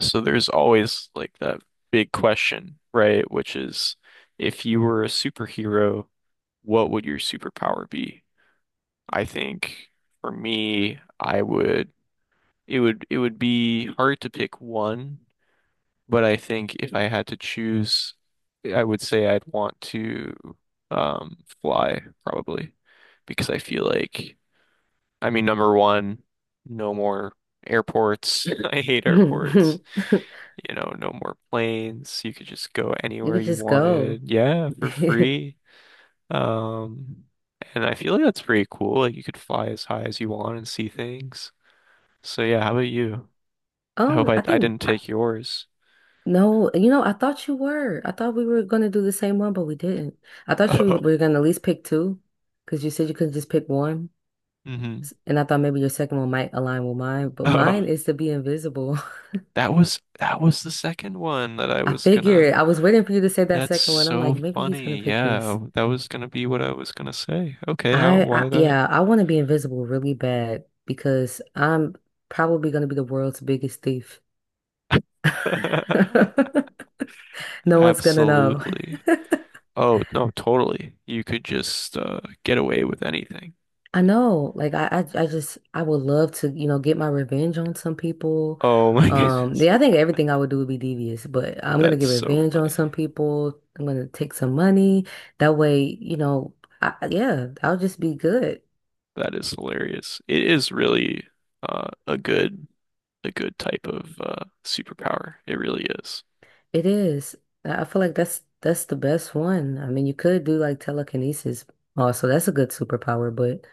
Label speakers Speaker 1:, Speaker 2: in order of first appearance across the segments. Speaker 1: So there's always like that big question, right? Which is if you were a superhero, what would your superpower be? I think for me, I would it would be hard to pick one, but I think if I had to choose, I would say I'd want to fly probably because I feel like I mean number one, no more airports. I hate airports. You know, no more planes. You could just go
Speaker 2: You
Speaker 1: anywhere
Speaker 2: could
Speaker 1: you
Speaker 2: just go.
Speaker 1: wanted. Yeah, for free. Um, and I feel like that's pretty cool. Like you could fly as high as you want and see things. So yeah, how about you? I hope
Speaker 2: Um,
Speaker 1: I
Speaker 2: I
Speaker 1: I
Speaker 2: think
Speaker 1: didn't
Speaker 2: I,
Speaker 1: take yours.
Speaker 2: no, you know, I thought you were. I thought we were gonna do the same one, but we didn't. I thought you
Speaker 1: Oh.
Speaker 2: were gonna at least pick two, because you said you couldn't just pick one.
Speaker 1: hmm
Speaker 2: And I thought maybe your second one might align with mine. But
Speaker 1: Oh.
Speaker 2: mine is to be invisible.
Speaker 1: That was the second one that I
Speaker 2: I
Speaker 1: was gonna
Speaker 2: figured I was waiting for you to say that
Speaker 1: that's
Speaker 2: second one. I'm
Speaker 1: so
Speaker 2: like, maybe he's gonna
Speaker 1: funny.
Speaker 2: pick this.
Speaker 1: Yeah, that was gonna be what I was gonna say. Okay, how
Speaker 2: I
Speaker 1: why that?
Speaker 2: yeah, I want to be invisible really bad because I'm probably gonna be the world's biggest thief. No one's gonna know.
Speaker 1: Absolutely. Oh, no, totally. You could just get away with anything.
Speaker 2: I know, like I just I would love to, get my revenge on some people.
Speaker 1: Oh my goodness.
Speaker 2: Yeah, I think everything I would do would be devious, but I'm gonna
Speaker 1: That's
Speaker 2: get
Speaker 1: so
Speaker 2: revenge on
Speaker 1: funny.
Speaker 2: some people. I'm gonna take some money. That way, yeah, I'll just be good.
Speaker 1: That is hilarious. It is really uh, a good a good type of superpower. It really is.
Speaker 2: It is. I feel like that's the best one. I mean, you could do like telekinesis also. That's a good superpower, but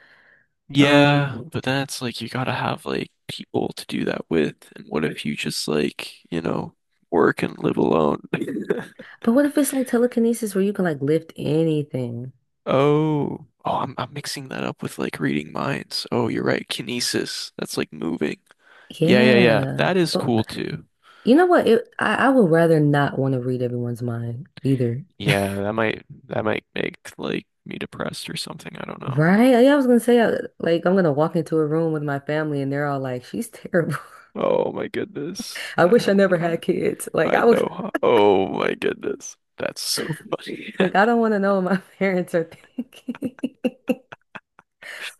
Speaker 2: um,
Speaker 1: Yeah, but then it's like you gotta have like people to do that with. And what if you just like, you know, work and live alone?
Speaker 2: but what if it's like telekinesis where you can like lift anything?
Speaker 1: Oh, oh, I'm mixing that up with like reading minds. Oh, you're right. Kinesis. That's like moving. Yeah, yeah, yeah.
Speaker 2: Yeah.
Speaker 1: That is cool too.
Speaker 2: You know what? I would rather not want to read everyone's mind either.
Speaker 1: Yeah, that might make like me depressed or something. I don't know.
Speaker 2: Right? Yeah, I was gonna say, like, I'm gonna walk into a room with my family and they're all like, she's terrible.
Speaker 1: Oh my goodness.
Speaker 2: I
Speaker 1: I
Speaker 2: wish I
Speaker 1: hope
Speaker 2: never
Speaker 1: not.
Speaker 2: had kids. Like,
Speaker 1: I
Speaker 2: I was
Speaker 1: know. How- Oh my goodness. That's so funny.
Speaker 2: like, I don't want to know what my parents are thinking.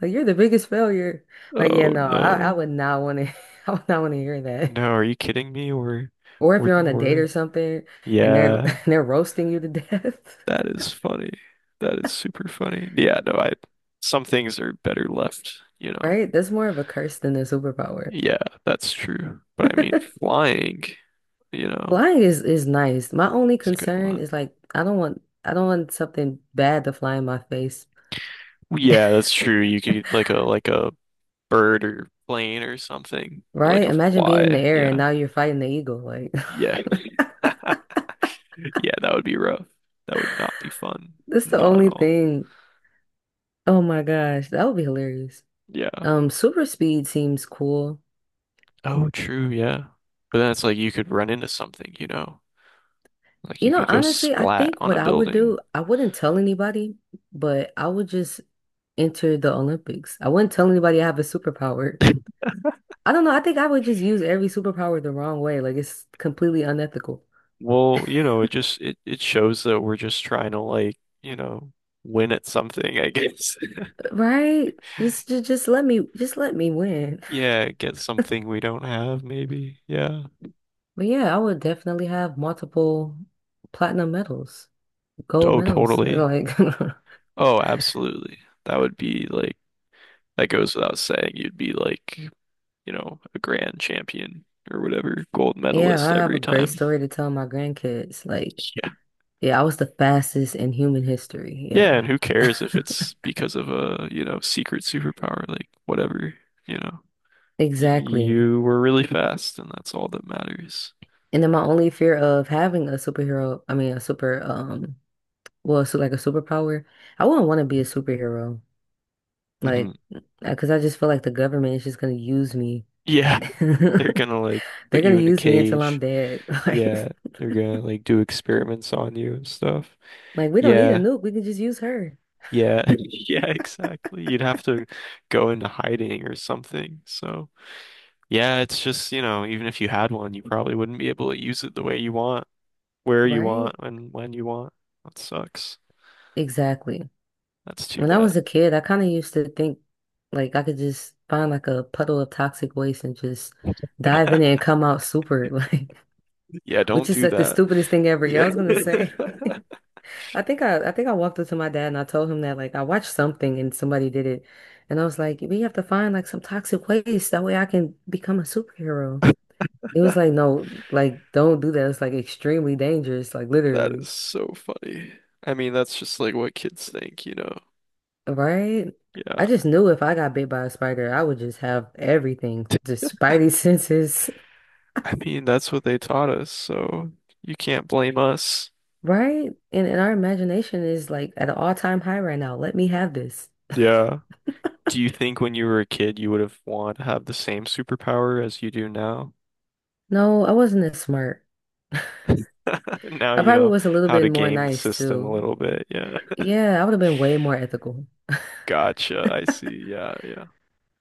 Speaker 2: Like, you're the biggest failure. Like, yeah,
Speaker 1: Oh
Speaker 2: no, I
Speaker 1: no.
Speaker 2: would not want to, I would not want to hear that.
Speaker 1: No, are you kidding me? We're
Speaker 2: Or if
Speaker 1: we're
Speaker 2: you're on a date or
Speaker 1: we're
Speaker 2: something and they're
Speaker 1: yeah.
Speaker 2: and they're roasting you to death,
Speaker 1: That is funny. That is super funny. Yeah, no, I some things are better left, you know.
Speaker 2: right? That's more of a curse than a superpower.
Speaker 1: Yeah, that's true. But I mean flying, you know,
Speaker 2: Flying is nice. My only
Speaker 1: it's a good
Speaker 2: concern
Speaker 1: one.
Speaker 2: is like I don't want something bad to fly in my face,
Speaker 1: Yeah, that's true. You could like a bird or plane or something, or like
Speaker 2: right?
Speaker 1: a
Speaker 2: Imagine being in the
Speaker 1: fly.
Speaker 2: air and
Speaker 1: Yeah,
Speaker 2: now you're fighting the eagle. Like
Speaker 1: yeah, yeah. That would be rough. That would not be fun.
Speaker 2: that's the
Speaker 1: Not at
Speaker 2: only
Speaker 1: all.
Speaker 2: thing. Oh my gosh, that would be hilarious.
Speaker 1: Yeah.
Speaker 2: Super speed seems cool.
Speaker 1: Oh, true. Yeah. But then it's like you could run into something, you know, like
Speaker 2: You
Speaker 1: you
Speaker 2: know,
Speaker 1: could go
Speaker 2: honestly, I
Speaker 1: splat
Speaker 2: think
Speaker 1: on a
Speaker 2: what I would
Speaker 1: building.
Speaker 2: do, I wouldn't tell anybody, but I would just enter the Olympics. I wouldn't tell anybody I have a superpower. I don't know. I think I would just use every superpower the wrong way. Like it's completely unethical.
Speaker 1: Well, you know, it just it shows that we're just trying to like, you know, win at something, I guess.
Speaker 2: Right? Just let me just let me win.
Speaker 1: Yeah, get something we don't have, maybe. Yeah.
Speaker 2: But yeah, I would definitely have multiple platinum medals, gold
Speaker 1: Oh,
Speaker 2: medals.
Speaker 1: totally.
Speaker 2: Like
Speaker 1: Oh, absolutely. That would be like that goes without saying. You'd be like, you know, a grand champion or whatever, gold
Speaker 2: yeah,
Speaker 1: medalist
Speaker 2: I have a
Speaker 1: every
Speaker 2: great
Speaker 1: time.
Speaker 2: story to tell my grandkids. Like,
Speaker 1: Yeah.
Speaker 2: yeah, I was the fastest in human history.
Speaker 1: Yeah,
Speaker 2: Yeah.
Speaker 1: and who cares if it's because of a, you know, secret superpower, like whatever, you know. Y-
Speaker 2: Exactly.
Speaker 1: You were really fast and that's all that matters.
Speaker 2: And then my only fear of having a superhero, I mean a super well, so like a superpower, I wouldn't want to be a superhero.
Speaker 1: Hmm
Speaker 2: Like, because I just feel like the government is just gonna use me.
Speaker 1: Yeah, they're gonna
Speaker 2: They're
Speaker 1: like put
Speaker 2: gonna
Speaker 1: you in a
Speaker 2: use me until I'm
Speaker 1: cage.
Speaker 2: dead.
Speaker 1: Yeah, they're gonna like do experiments on you and stuff.
Speaker 2: Like we don't need a
Speaker 1: Yeah.
Speaker 2: nuke. We can just use her,
Speaker 1: Yeah, yeah, exactly. You'd have to go into hiding or something. So, yeah, it's just, you know, even if you had one, you probably wouldn't be able to use it the way you want, where you
Speaker 2: right?
Speaker 1: want, and when you want. That sucks.
Speaker 2: Exactly.
Speaker 1: That's too
Speaker 2: When I
Speaker 1: bad.
Speaker 2: was a kid, I kind of used to think like I could just find like a puddle of toxic waste and just dive in it and come out super, like,
Speaker 1: Yeah,
Speaker 2: which
Speaker 1: don't
Speaker 2: is
Speaker 1: do
Speaker 2: like the
Speaker 1: that.
Speaker 2: stupidest thing ever. Yeah,
Speaker 1: Yeah.
Speaker 2: I was gonna say. I think I walked up to my dad and I told him that like I watched something and somebody did it, and I was like, we have to find like some toxic waste that way I can become a superhero. It was like, no, like, don't do that. It's like extremely dangerous, like
Speaker 1: That
Speaker 2: literally,
Speaker 1: is so funny. I mean, that's just like what kids think, you know.
Speaker 2: right? I
Speaker 1: Yeah.
Speaker 2: just knew if I got bit by a spider, I would just have everything, just spidey senses,
Speaker 1: I mean, that's what they taught us, so you can't blame us.
Speaker 2: right? And our imagination is like at an all-time high right now. Let me have this.
Speaker 1: Yeah. Do you think when you were a kid you would have wanted to have the same superpower as you do now?
Speaker 2: No, I wasn't as smart.
Speaker 1: Now
Speaker 2: I
Speaker 1: you
Speaker 2: probably
Speaker 1: know
Speaker 2: was a little
Speaker 1: how
Speaker 2: bit
Speaker 1: to
Speaker 2: more
Speaker 1: game the
Speaker 2: nice
Speaker 1: system a
Speaker 2: too.
Speaker 1: little bit. Yeah.
Speaker 2: Yeah, I would have been way more ethical.
Speaker 1: Gotcha. I see. Yeah, yeah.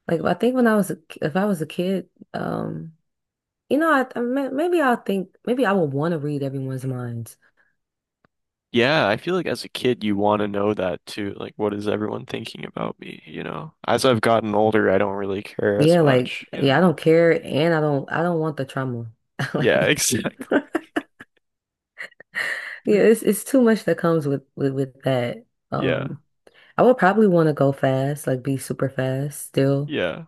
Speaker 2: Like I think when I was if I was a kid, um, you know, maybe I'll think maybe I would want to read everyone's minds.
Speaker 1: Yeah, I feel like as a kid you want to know that too. Like what is everyone thinking about me, you know? As I've gotten older, I don't really care as
Speaker 2: Yeah, like
Speaker 1: much, you
Speaker 2: yeah, I
Speaker 1: know.
Speaker 2: don't care and I don't want the trauma.
Speaker 1: Yeah,
Speaker 2: Like
Speaker 1: exactly.
Speaker 2: yeah, it's too much that comes with that.
Speaker 1: Yeah.
Speaker 2: Um I would probably want to go fast, like be super fast still.
Speaker 1: Yeah.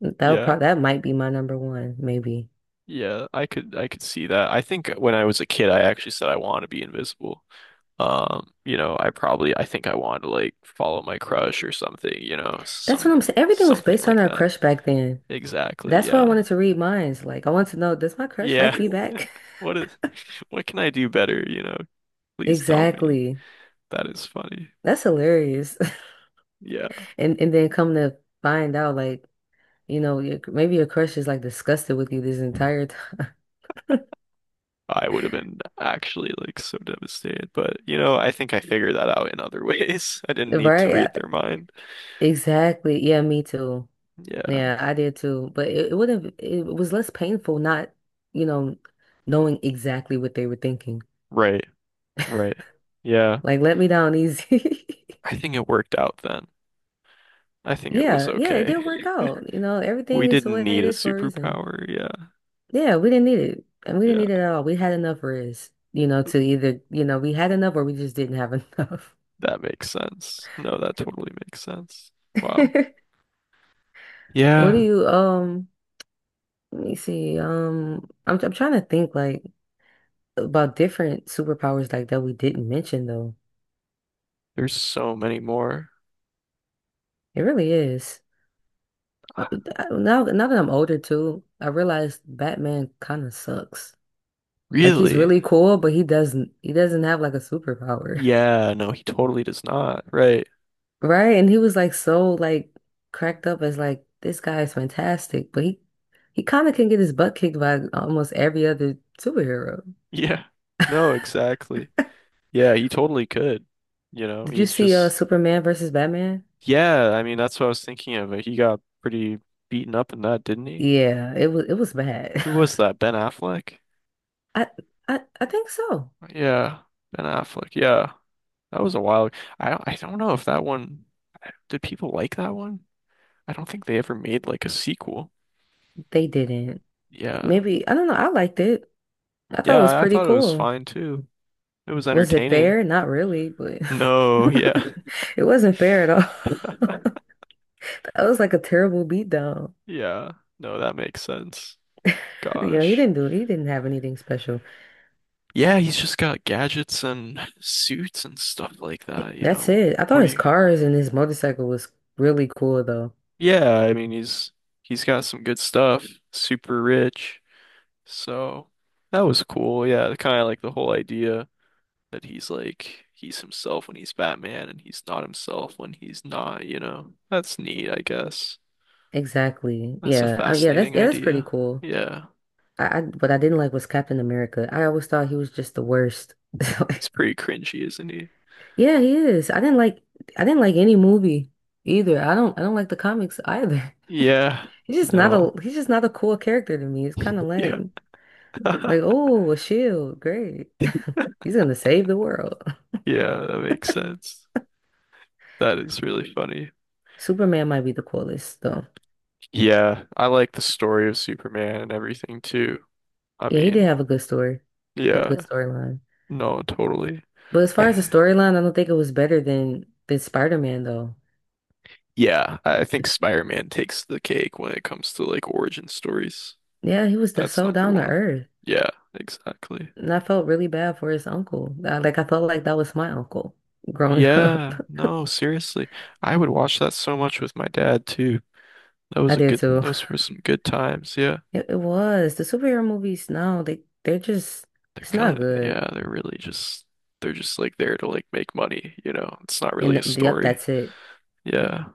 Speaker 2: That would
Speaker 1: Yeah.
Speaker 2: probably that might be my number one, maybe.
Speaker 1: Yeah. I could see that. I think when I was a kid, I actually said I want to be invisible. You know, I probably I think I want to like follow my crush or something, you know,
Speaker 2: That's what
Speaker 1: some
Speaker 2: I'm saying. Everything was
Speaker 1: something
Speaker 2: based on
Speaker 1: like
Speaker 2: our
Speaker 1: that.
Speaker 2: crush back then.
Speaker 1: Exactly,
Speaker 2: That's why I
Speaker 1: yeah.
Speaker 2: wanted to read minds. Like I wanted to know, does my crush
Speaker 1: Yeah.
Speaker 2: like me back?
Speaker 1: What is what can I do better, you know? Please tell me.
Speaker 2: Exactly.
Speaker 1: That is funny.
Speaker 2: That's hilarious.
Speaker 1: Yeah.
Speaker 2: And then come to find out like, maybe your crush is like disgusted with you this entire time.
Speaker 1: I would have been actually like so devastated, but you know, I think I figured that out in other ways. I didn't need to
Speaker 2: Right?
Speaker 1: read their mind.
Speaker 2: Exactly. Yeah, me too.
Speaker 1: Yeah.
Speaker 2: Yeah, I did too. But it would have, it was less painful not, you know, knowing exactly what they were thinking.
Speaker 1: Right. Right. Yeah.
Speaker 2: Like, let me down easy.
Speaker 1: I think it worked out then. I think it was
Speaker 2: Yeah, yeah, it
Speaker 1: okay.
Speaker 2: did work out. You know,
Speaker 1: We
Speaker 2: everything is the
Speaker 1: didn't
Speaker 2: way
Speaker 1: need
Speaker 2: it
Speaker 1: a
Speaker 2: is for a reason.
Speaker 1: superpower. Yeah.
Speaker 2: Yeah, we didn't need it. And we didn't
Speaker 1: Yeah.
Speaker 2: need it at all. We had enough rest, you know, to either, you know, we had enough or we just didn't have enough.
Speaker 1: That makes sense. No, that totally makes sense. Wow.
Speaker 2: What do
Speaker 1: Yeah,
Speaker 2: you, let me see. I'm trying to think like about different superpowers like that we didn't mention though.
Speaker 1: there's so many more.
Speaker 2: It really is. Uh, Now, now that I'm older too, I realize Batman kind of sucks. Like he's
Speaker 1: Really?
Speaker 2: really cool, but he doesn't have like a superpower,
Speaker 1: Yeah, no, he totally does not. Right.
Speaker 2: right? And he was like so like cracked up as like this guy is fantastic, but he kind of can get his butt kicked by almost every other superhero.
Speaker 1: Yeah. No, exactly. Yeah, he totally could. You know,
Speaker 2: Did you
Speaker 1: he's
Speaker 2: see
Speaker 1: just,
Speaker 2: Superman versus Batman?
Speaker 1: yeah, I mean, that's what I was thinking of. Like, he got pretty beaten up in that, didn't he?
Speaker 2: Yeah, it was bad.
Speaker 1: Who was that? Ben Affleck?
Speaker 2: I I think so.
Speaker 1: Yeah, Ben Affleck. Yeah, that was a while. I don't know if that one, did people like that one? I don't think they ever made like a sequel.
Speaker 2: They didn't.
Speaker 1: Yeah.
Speaker 2: Maybe I don't know. I liked it. I thought it was
Speaker 1: Yeah, I
Speaker 2: pretty
Speaker 1: thought it was
Speaker 2: cool.
Speaker 1: fine too. It was
Speaker 2: Was it
Speaker 1: entertaining.
Speaker 2: fair? Not really, but
Speaker 1: No, yeah.
Speaker 2: it wasn't fair at all. That was like a terrible beatdown.
Speaker 1: Yeah. No, that makes sense.
Speaker 2: You know,
Speaker 1: Gosh.
Speaker 2: he didn't have anything special.
Speaker 1: Yeah, he's just got gadgets and suits and stuff like that, you
Speaker 2: That's
Speaker 1: know.
Speaker 2: it. I
Speaker 1: What
Speaker 2: thought
Speaker 1: do
Speaker 2: his
Speaker 1: you
Speaker 2: cars and his motorcycle was really cool though.
Speaker 1: Yeah, I mean he's got some good stuff, super rich. So that was cool. Yeah, kind of like the whole idea that he's like he's himself when he's Batman and he's not himself when he's not, you know. That's neat, I guess.
Speaker 2: Exactly.
Speaker 1: That's a
Speaker 2: Yeah. Yeah,
Speaker 1: fascinating
Speaker 2: that's pretty
Speaker 1: idea.
Speaker 2: cool.
Speaker 1: Yeah.
Speaker 2: I what I didn't like was Captain America. I always thought he was just the worst.
Speaker 1: He's
Speaker 2: Like,
Speaker 1: pretty cringy, isn't he?
Speaker 2: yeah, he is. I didn't like any movie either. I don't like the comics either.
Speaker 1: Yeah.
Speaker 2: He's just not
Speaker 1: No.
Speaker 2: a he's just not a cool character to me. It's kind of
Speaker 1: Yeah.
Speaker 2: lame. Like, oh, a shield. Great. He's gonna save the world.
Speaker 1: Yeah, that makes sense. That is really funny.
Speaker 2: Superman might be the coolest, though.
Speaker 1: Yeah, I like the story of Superman and everything too. I
Speaker 2: Yeah, he did
Speaker 1: mean,
Speaker 2: have a good story, a
Speaker 1: yeah,
Speaker 2: good storyline.
Speaker 1: no, totally.
Speaker 2: But as far as the
Speaker 1: I
Speaker 2: storyline, I don't think it was better than Spider-Man, though.
Speaker 1: yeah, I think Spider-Man takes the cake when it comes to like origin stories.
Speaker 2: Yeah, he was the,
Speaker 1: That's
Speaker 2: so
Speaker 1: number
Speaker 2: down to
Speaker 1: one.
Speaker 2: earth,
Speaker 1: Yeah, exactly.
Speaker 2: and I felt really bad for his uncle. Like, I felt like that was my uncle growing up.
Speaker 1: Yeah, no, seriously. I would watch that so much with my dad too. That was
Speaker 2: I
Speaker 1: a
Speaker 2: did
Speaker 1: good,
Speaker 2: too.
Speaker 1: those were some good times. Yeah.
Speaker 2: It was the superhero movies. No, they they're just
Speaker 1: They're
Speaker 2: it's not
Speaker 1: kind of,
Speaker 2: good.
Speaker 1: yeah, they're really just, they're just like there to like make money, you know? It's not really a
Speaker 2: Yep,
Speaker 1: story.
Speaker 2: that's it.
Speaker 1: Yeah.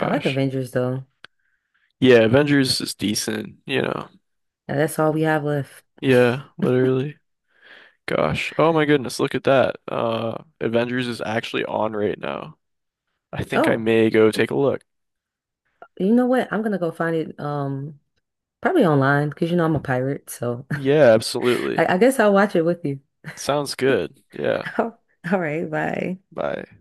Speaker 2: I like Avengers though,
Speaker 1: Yeah. Avengers is decent, you know?
Speaker 2: and that's all we have left.
Speaker 1: Yeah. Literally. Gosh. Oh my goodness. Look at that. Avengers is actually on right now. I think I
Speaker 2: Oh.
Speaker 1: may go take a look.
Speaker 2: You know what? I'm gonna go find it probably online because you know I'm a pirate, so
Speaker 1: Yeah, absolutely.
Speaker 2: I guess I'll watch it with you.
Speaker 1: Sounds good. Yeah.
Speaker 2: All right, bye.
Speaker 1: Bye.